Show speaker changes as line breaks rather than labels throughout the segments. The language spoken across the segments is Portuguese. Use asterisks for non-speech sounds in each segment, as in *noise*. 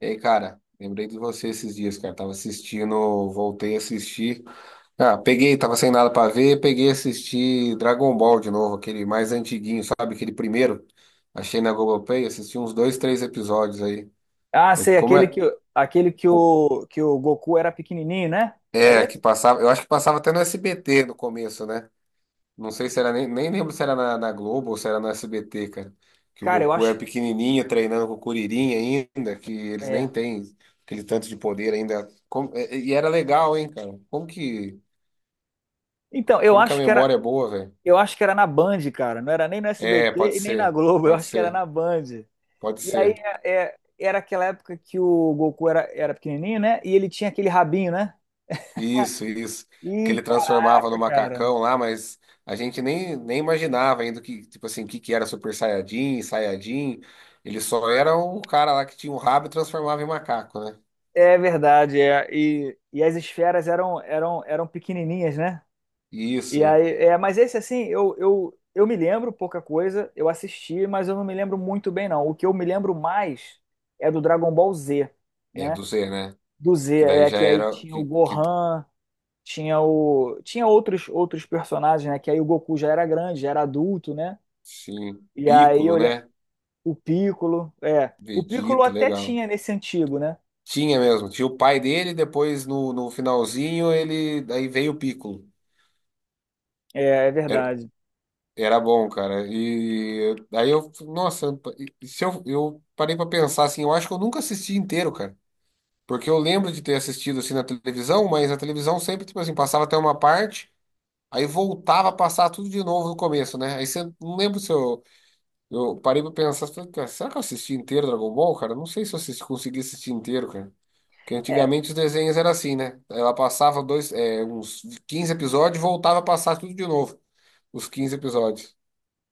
E aí, cara, lembrei de você esses dias, cara. Tava assistindo, voltei a assistir. Ah, peguei, tava sem nada pra ver, peguei e assisti Dragon Ball de novo, aquele mais antiguinho, sabe? Aquele primeiro. Achei na Globoplay, assisti uns dois, três episódios aí.
Ah, sei,
Como
aquele
é?
que, aquele que
Pô,
o, que o Goku era pequenininho, né? É
é, que
esse?
passava, eu acho que passava até no SBT no começo, né? Não sei se era nem lembro se era na Globo ou se era no SBT, cara. Que o
Cara, eu
Goku era
acho.
pequenininho, treinando com o Kuririn ainda, que eles nem
É.
têm aquele tanto de poder ainda. E era legal, hein, cara? Como que,
Então, eu
como que a
acho que era,
memória é boa, velho?
eu acho que era na Band, cara. Não era nem no
É, pode
SBT e nem na
ser,
Globo. Eu
pode
acho que era
ser,
na Band.
pode
E aí
ser.
era aquela época que o Goku era pequenininho, né? E ele tinha aquele rabinho, né?
Isso, isso. Que
E
ele transformava no
caraca, cara.
macacão lá, mas a gente nem imaginava ainda que, tipo assim, o que era Super Saiyajin, Saiyajin. Ele só era o cara lá que tinha um rabo e transformava em macaco, né?
É verdade, é. E, e as esferas eram pequenininhas, né? E
Isso.
aí, é, mas esse assim, eu me lembro pouca coisa, eu assisti, mas eu não me lembro muito bem, não. O que eu me lembro mais é do Dragon Ball Z,
É,
né?
do Z, né?
Do Z,
Que daí
é
já
que aí
era.
tinha o Gohan, tinha o. Tinha outros, outros personagens, né? Que aí o Goku já era grande, já era adulto, né?
Sim,
E
Piccolo, né?
o Piccolo, é. O Piccolo
Vegeta,
até
legal.
tinha nesse antigo, né?
Tinha mesmo. Tinha o pai dele, depois no finalzinho ele. Daí veio o Piccolo.
É, é
Era,
verdade.
era bom, cara. E aí eu. Nossa, e se eu parei pra pensar assim, eu acho que eu nunca assisti inteiro, cara. Porque eu lembro de ter assistido assim na televisão, mas a televisão sempre, tipo assim, passava até uma parte, aí voltava a passar tudo de novo no começo, né? Aí você não lembro se eu eu parei pra pensar, falei, cara, será que eu assisti inteiro Dragon Ball, cara? Não sei se eu assisti, consegui assistir inteiro, cara. Porque
É,
antigamente os desenhos eram assim, né? Ela passava dois, é, uns 15 episódios e voltava a passar tudo de novo. Os quinze episódios.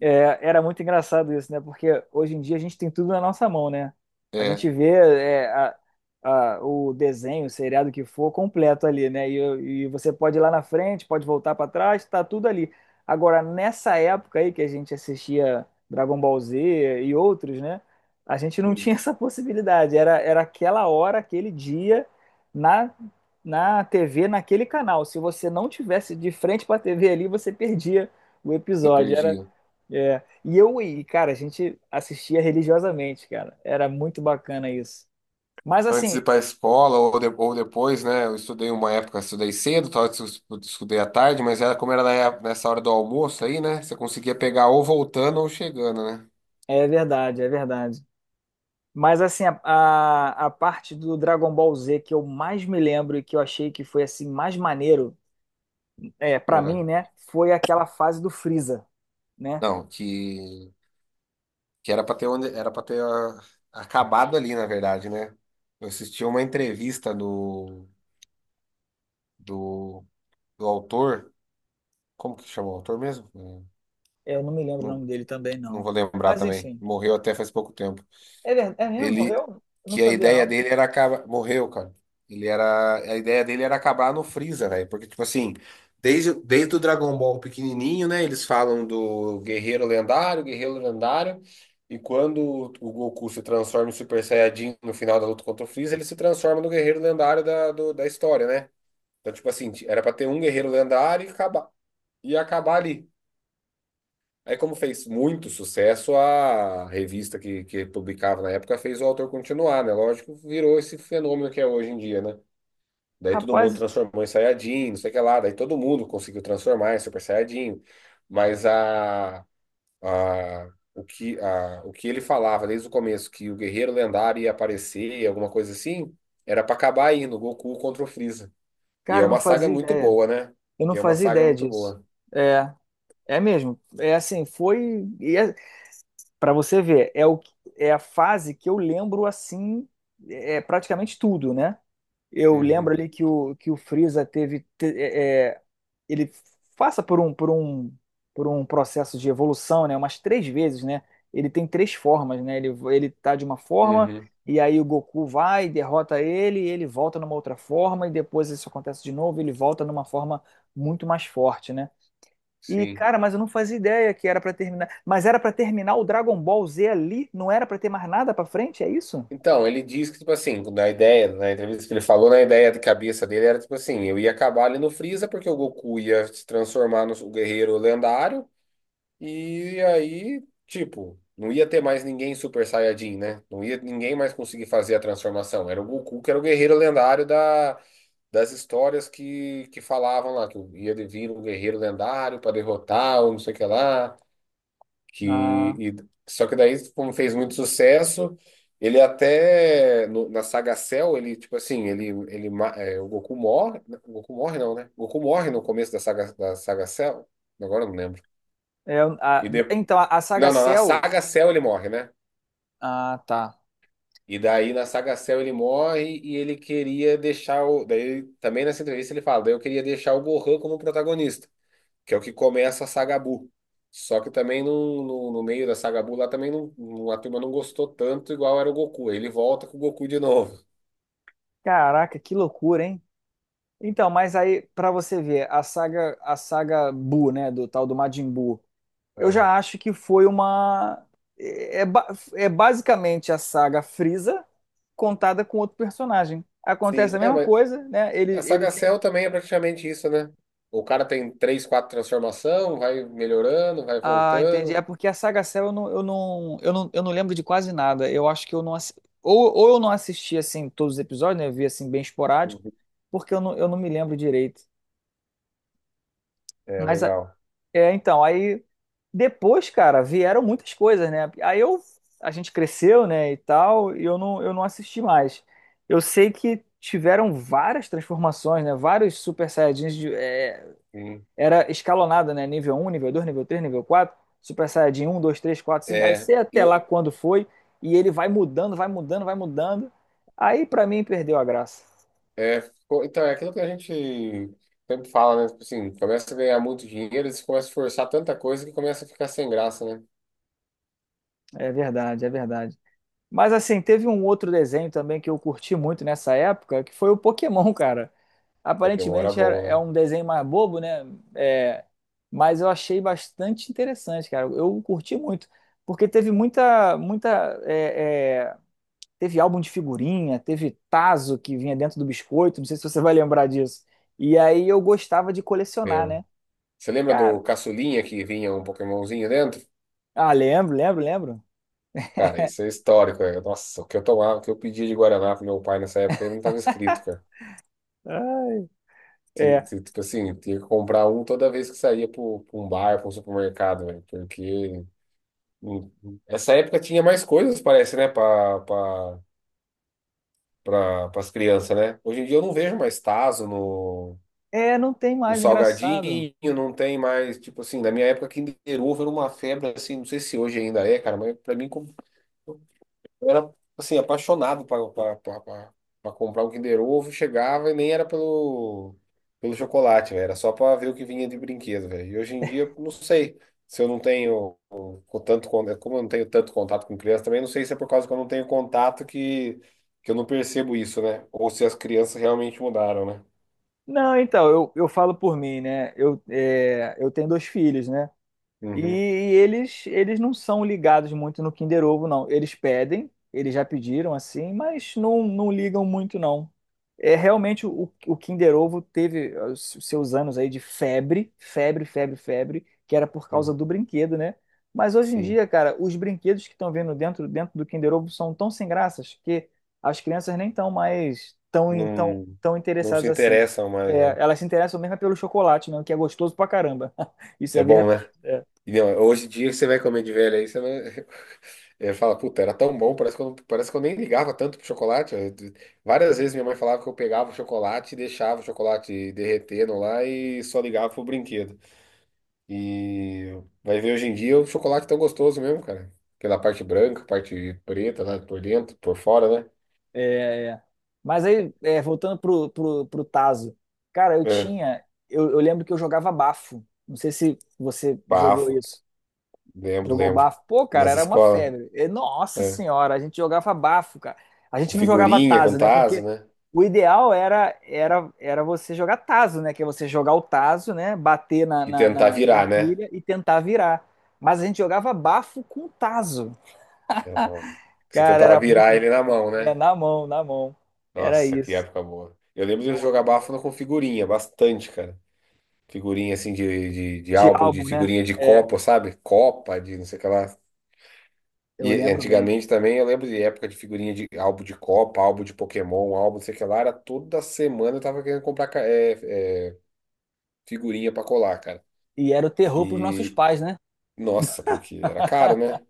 Era muito engraçado isso, né? Porque hoje em dia a gente tem tudo na nossa mão, né? A
É,
gente vê o desenho, o seriado que for completo ali, né? E você pode ir lá na frente, pode voltar para trás, tá tudo ali. Agora, nessa época aí que a gente assistia Dragon Ball Z e outros, né? A gente não
você
tinha *laughs* essa possibilidade. Era aquela hora, aquele dia, na, na TV, naquele canal. Se você não tivesse de frente para a TV ali, você perdia o episódio.
perdia.
É. E eu e, cara, a gente assistia religiosamente, cara. Era muito bacana isso. Mas
Antes de
assim,
ir pra escola ou, ou depois, né? Eu estudei uma época, estudei cedo, talvez eu estudei à tarde, mas era como era na nessa hora do almoço aí, né? Você conseguia pegar ou voltando ou chegando, né?
é verdade, é verdade. Mas assim, a parte do Dragon Ball Z que eu mais me lembro e que eu achei que foi assim mais maneiro, é, para mim,
É.
né, foi aquela fase do Freeza, né?
Não, que era pra ter onde, era para ter acabado ali, na verdade, né? Eu assisti uma entrevista do, do autor, como que chama o autor mesmo? Não,
É, eu não me lembro o nome dele também
não
não.
vou lembrar
Mas
também.
enfim.
Morreu até faz pouco tempo.
É verdade, é mesmo?
Ele,
Morreu? Eu não
que a
sabia
ideia
não.
dele era acabar, morreu, cara. Ele era, a ideia dele era acabar no Freeza, velho, porque tipo assim, desde o Dragon Ball pequenininho, né, eles falam do guerreiro lendário, e quando o Goku se transforma em Super Saiyajin no final da luta contra o Freeza, ele se transforma no guerreiro lendário da, da história, né? Então, tipo assim, era pra ter um guerreiro lendário e acabar ali. Aí, como fez muito sucesso, a revista que publicava na época fez o autor continuar, né? Lógico, virou esse fenômeno que é hoje em dia, né? Daí todo mundo
Rapaz,
transformou em Saiyajin, não sei o que lá. Daí todo mundo conseguiu transformar em Super Saiyajin. Mas a, o que ele falava desde o começo, que o guerreiro lendário ia aparecer, alguma coisa assim, era pra acabar aí no Goku contra o Freeza. E é
cara, eu não
uma saga
fazia
muito
ideia.
boa, né?
Eu
E
não
é uma
fazia
saga
ideia
muito
disso.
boa.
É, é mesmo. É assim, foi. E é, para você ver, é a fase que eu lembro assim, é praticamente tudo, né? Eu lembro
Uhum,
ali que que o Freeza teve, ele passa por um processo de evolução, né? Umas três vezes, né? Ele tem três formas, né? Ele tá de uma forma,
uhum,
e aí o Goku vai, derrota ele, e ele volta numa outra forma, e depois isso acontece de novo, ele volta numa forma muito mais forte, né? E,
sim.
cara, mas eu não fazia ideia que era pra terminar. Mas era pra terminar o Dragon Ball Z ali? Não era pra ter mais nada pra frente? É isso?
Então, ele diz que, tipo assim, na ideia, na entrevista que ele falou, na ideia de cabeça dele era, tipo assim, eu ia acabar ali no Freeza porque o Goku ia se transformar no guerreiro lendário e aí, tipo, não ia ter mais ninguém Super Saiyajin, né? Não ia ninguém mais conseguir fazer a transformação. Era o Goku que era o guerreiro lendário da, das histórias que falavam lá, que ia vir um guerreiro lendário para derrotar ou não sei o que lá que
Ah,
só que daí como fez muito sucesso ele até na saga Cell ele tipo assim o Goku morre, o Goku morre não, né, o Goku morre no começo da saga, da saga Cell, agora eu não lembro
é, ah,
e de,
então, a saga
não não na
Cell.
saga Cell ele morre, né,
Ah, tá.
e daí na saga Cell ele morre e ele queria deixar o, daí também nessa entrevista ele fala, daí eu queria deixar o Gohan como protagonista, que é o que começa a Sagabu. Só que também no meio da Sagabu lá também a turma não gostou tanto igual era o Goku. Ele volta com o Goku de novo.
Caraca, que loucura, hein? Então, mas aí, pra você ver, a saga Buu, né? Do tal do Majin Buu. Eu
É.
já acho que foi uma. É, é basicamente a saga Frieza contada com outro personagem. Acontece
Sim,
a
é,
mesma
mas
coisa, né? Ele,
a
ele
Saga Cell também é praticamente isso, né? O cara tem três, quatro transformação, vai melhorando, vai
Ah, entendi.
voltando.
É porque a Saga Cell eu não lembro de quase nada. Eu acho que eu não assi- ou eu não assisti assim todos os episódios, né? Eu vi assim bem esporádico,
Uhum.
porque eu não me lembro direito.
É,
Mas a-
legal.
aí depois, cara, vieram muitas coisas, né? Aí eu a gente cresceu, né, e tal, e eu não assisti mais. Eu sei que tiveram várias transformações, né? Vários Super Saiyajins
Sim.
era escalonada, né? Nível um, nível 2, nível 3, nível 4, Super Saiyajin um, 2, 3, quatro, 5, aí
É,
sei
e
até lá
eu,
quando foi, e ele vai mudando. Aí pra mim perdeu a graça.
então, é aquilo que a gente sempre fala, né? Tipo assim, começa a ganhar muito dinheiro, eles começam a forçar tanta coisa que começa a ficar sem graça, né?
É verdade, é verdade. Mas assim, teve um outro desenho também que eu curti muito nessa época, que foi o Pokémon, cara.
Pokémon era bom,
É
né?
um desenho mais bobo, né? É, mas eu achei bastante interessante, cara. Eu curti muito, porque teve teve álbum de figurinha, teve tazo que vinha dentro do biscoito, não sei se você vai lembrar disso. E aí eu gostava de
É,
colecionar, né?
você lembra
Cara,
do caçulinha que vinha um Pokémonzinho dentro?
ah, lembro.
Cara, isso é histórico, né? Nossa, o que eu tomava, o que eu pedia de Guaraná pro meu pai nessa época, ele não tava escrito, cara.
Ah,
Ti-
é,
ti- Tipo assim, tinha que comprar um toda vez que saía para um bar, para um supermercado, velho. Porque hum, essa época tinha mais coisas, parece, né, para as crianças, né? Hoje em dia eu não vejo mais Tazo
não tem
no
mais, engraçado.
salgadinho, não tem mais, tipo assim, na minha época Kinder Ovo era uma febre, assim, não sei se hoje ainda é, cara, mas pra mim eu era, assim, apaixonado para comprar um Kinder Ovo, chegava e nem era pelo chocolate, velho. Era só para ver o que vinha de brinquedo, velho. E hoje em dia, não sei se eu não tenho o tanto, como eu não tenho tanto contato com criança também, não sei se é por causa que eu não tenho contato que eu não percebo isso, né? Ou se as crianças realmente mudaram, né?
Não, então, eu falo por mim, né? Eu, é, eu tenho dois filhos, né? E,
Uhum,
eles não são ligados muito no Kinder Ovo, não. Eles pedem, eles já pediram assim, mas não, não ligam muito, não. É realmente o Kinder Ovo teve os seus anos aí de febre, que era por causa
uhum,
do brinquedo, né? Mas hoje em
sim.
dia, cara, os brinquedos que estão vendo dentro do Kinder Ovo são tão sem graças que as crianças nem estão mais
Não,
tão
não
interessadas
se
assim.
interessam mais,
É,
né?
elas se interessam mesmo é pelo chocolate, mesmo, que é gostoso pra caramba. *laughs* Isso
É
é
bom, né?
verdade. É.
E, não, hoje em dia que você vai comer de velho aí, você não. Eu falo, puta, era tão bom, parece que eu, parece que eu nem ligava tanto pro chocolate. Várias vezes minha mãe falava que eu pegava o chocolate e deixava o chocolate derretendo lá e só ligava pro brinquedo. E vai ver hoje em dia o chocolate tão gostoso mesmo, cara. Aquela parte branca, parte preta lá por dentro, por fora, né?
É, é. Mas aí, é, voltando pro Tazo, cara, eu
É.
tinha. Eu, eu lembro que eu jogava bafo. Não sei se você jogou
Bafo,
isso.
lembro,
Jogou
lembro.
bafo? Pô, cara,
Nas
era uma
escolas,
febre. E, nossa
é.
senhora, a gente jogava bafo, cara. A
Com
gente não jogava
figurinha, com
Tazo, né?
tazo,
Porque
né?
o ideal era você jogar Tazo, né? Que é você jogar o Tazo, né? Bater na,
E
na,
tentar
na, na
virar, né?
pilha e tentar virar. Mas a gente jogava bafo com Tazo.
É, ó, você
Cara,
tentava
era muito
virar ele na
bacana.
mão,
É,
né?
na mão, na mão. Era
Nossa, que
isso.
época boa. Eu lembro de
Pô,
jogar
muito bom.
Bafana com figurinha, bastante, cara. Figurinha assim de
De
álbum, de
álbum, né?
figurinha de
É,
copo, sabe? Copa, de não sei o que lá.
eu
E
lembro bem.
antigamente também eu lembro de época de figurinha de álbum de Copa, álbum de Pokémon, álbum não sei o que lá. Era toda semana eu tava querendo comprar figurinha pra colar, cara.
E era o terror pros nossos
E
pais, né?
nossa, porque era caro,
*laughs*
né?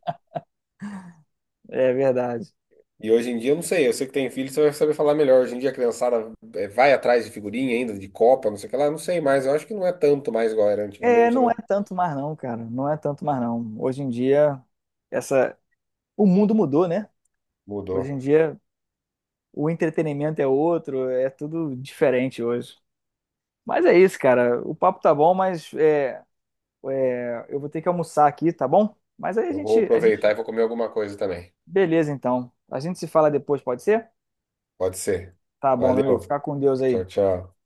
É verdade.
E hoje em dia, eu não sei, eu sei que tem filho, você vai saber falar melhor. Hoje em dia, a criançada vai atrás de figurinha ainda, de Copa, não sei o que lá, não sei mais. Eu acho que não é tanto mais igual era
É,
antigamente,
não é
né?
tanto mais não, cara. Não é tanto mais não. Hoje em dia, essa, o mundo mudou, né? Hoje em
Mudou.
dia, o entretenimento é outro, é tudo diferente hoje. Mas é isso, cara. O papo tá bom, mas é, é, eu vou ter que almoçar aqui, tá bom? Mas aí
Eu vou
a
aproveitar
gente,
e vou comer alguma coisa também.
beleza então. A gente se fala depois, pode ser?
Pode ser.
Tá bom, meu amigo.
Valeu.
Fica com Deus aí.
Tchau, tchau.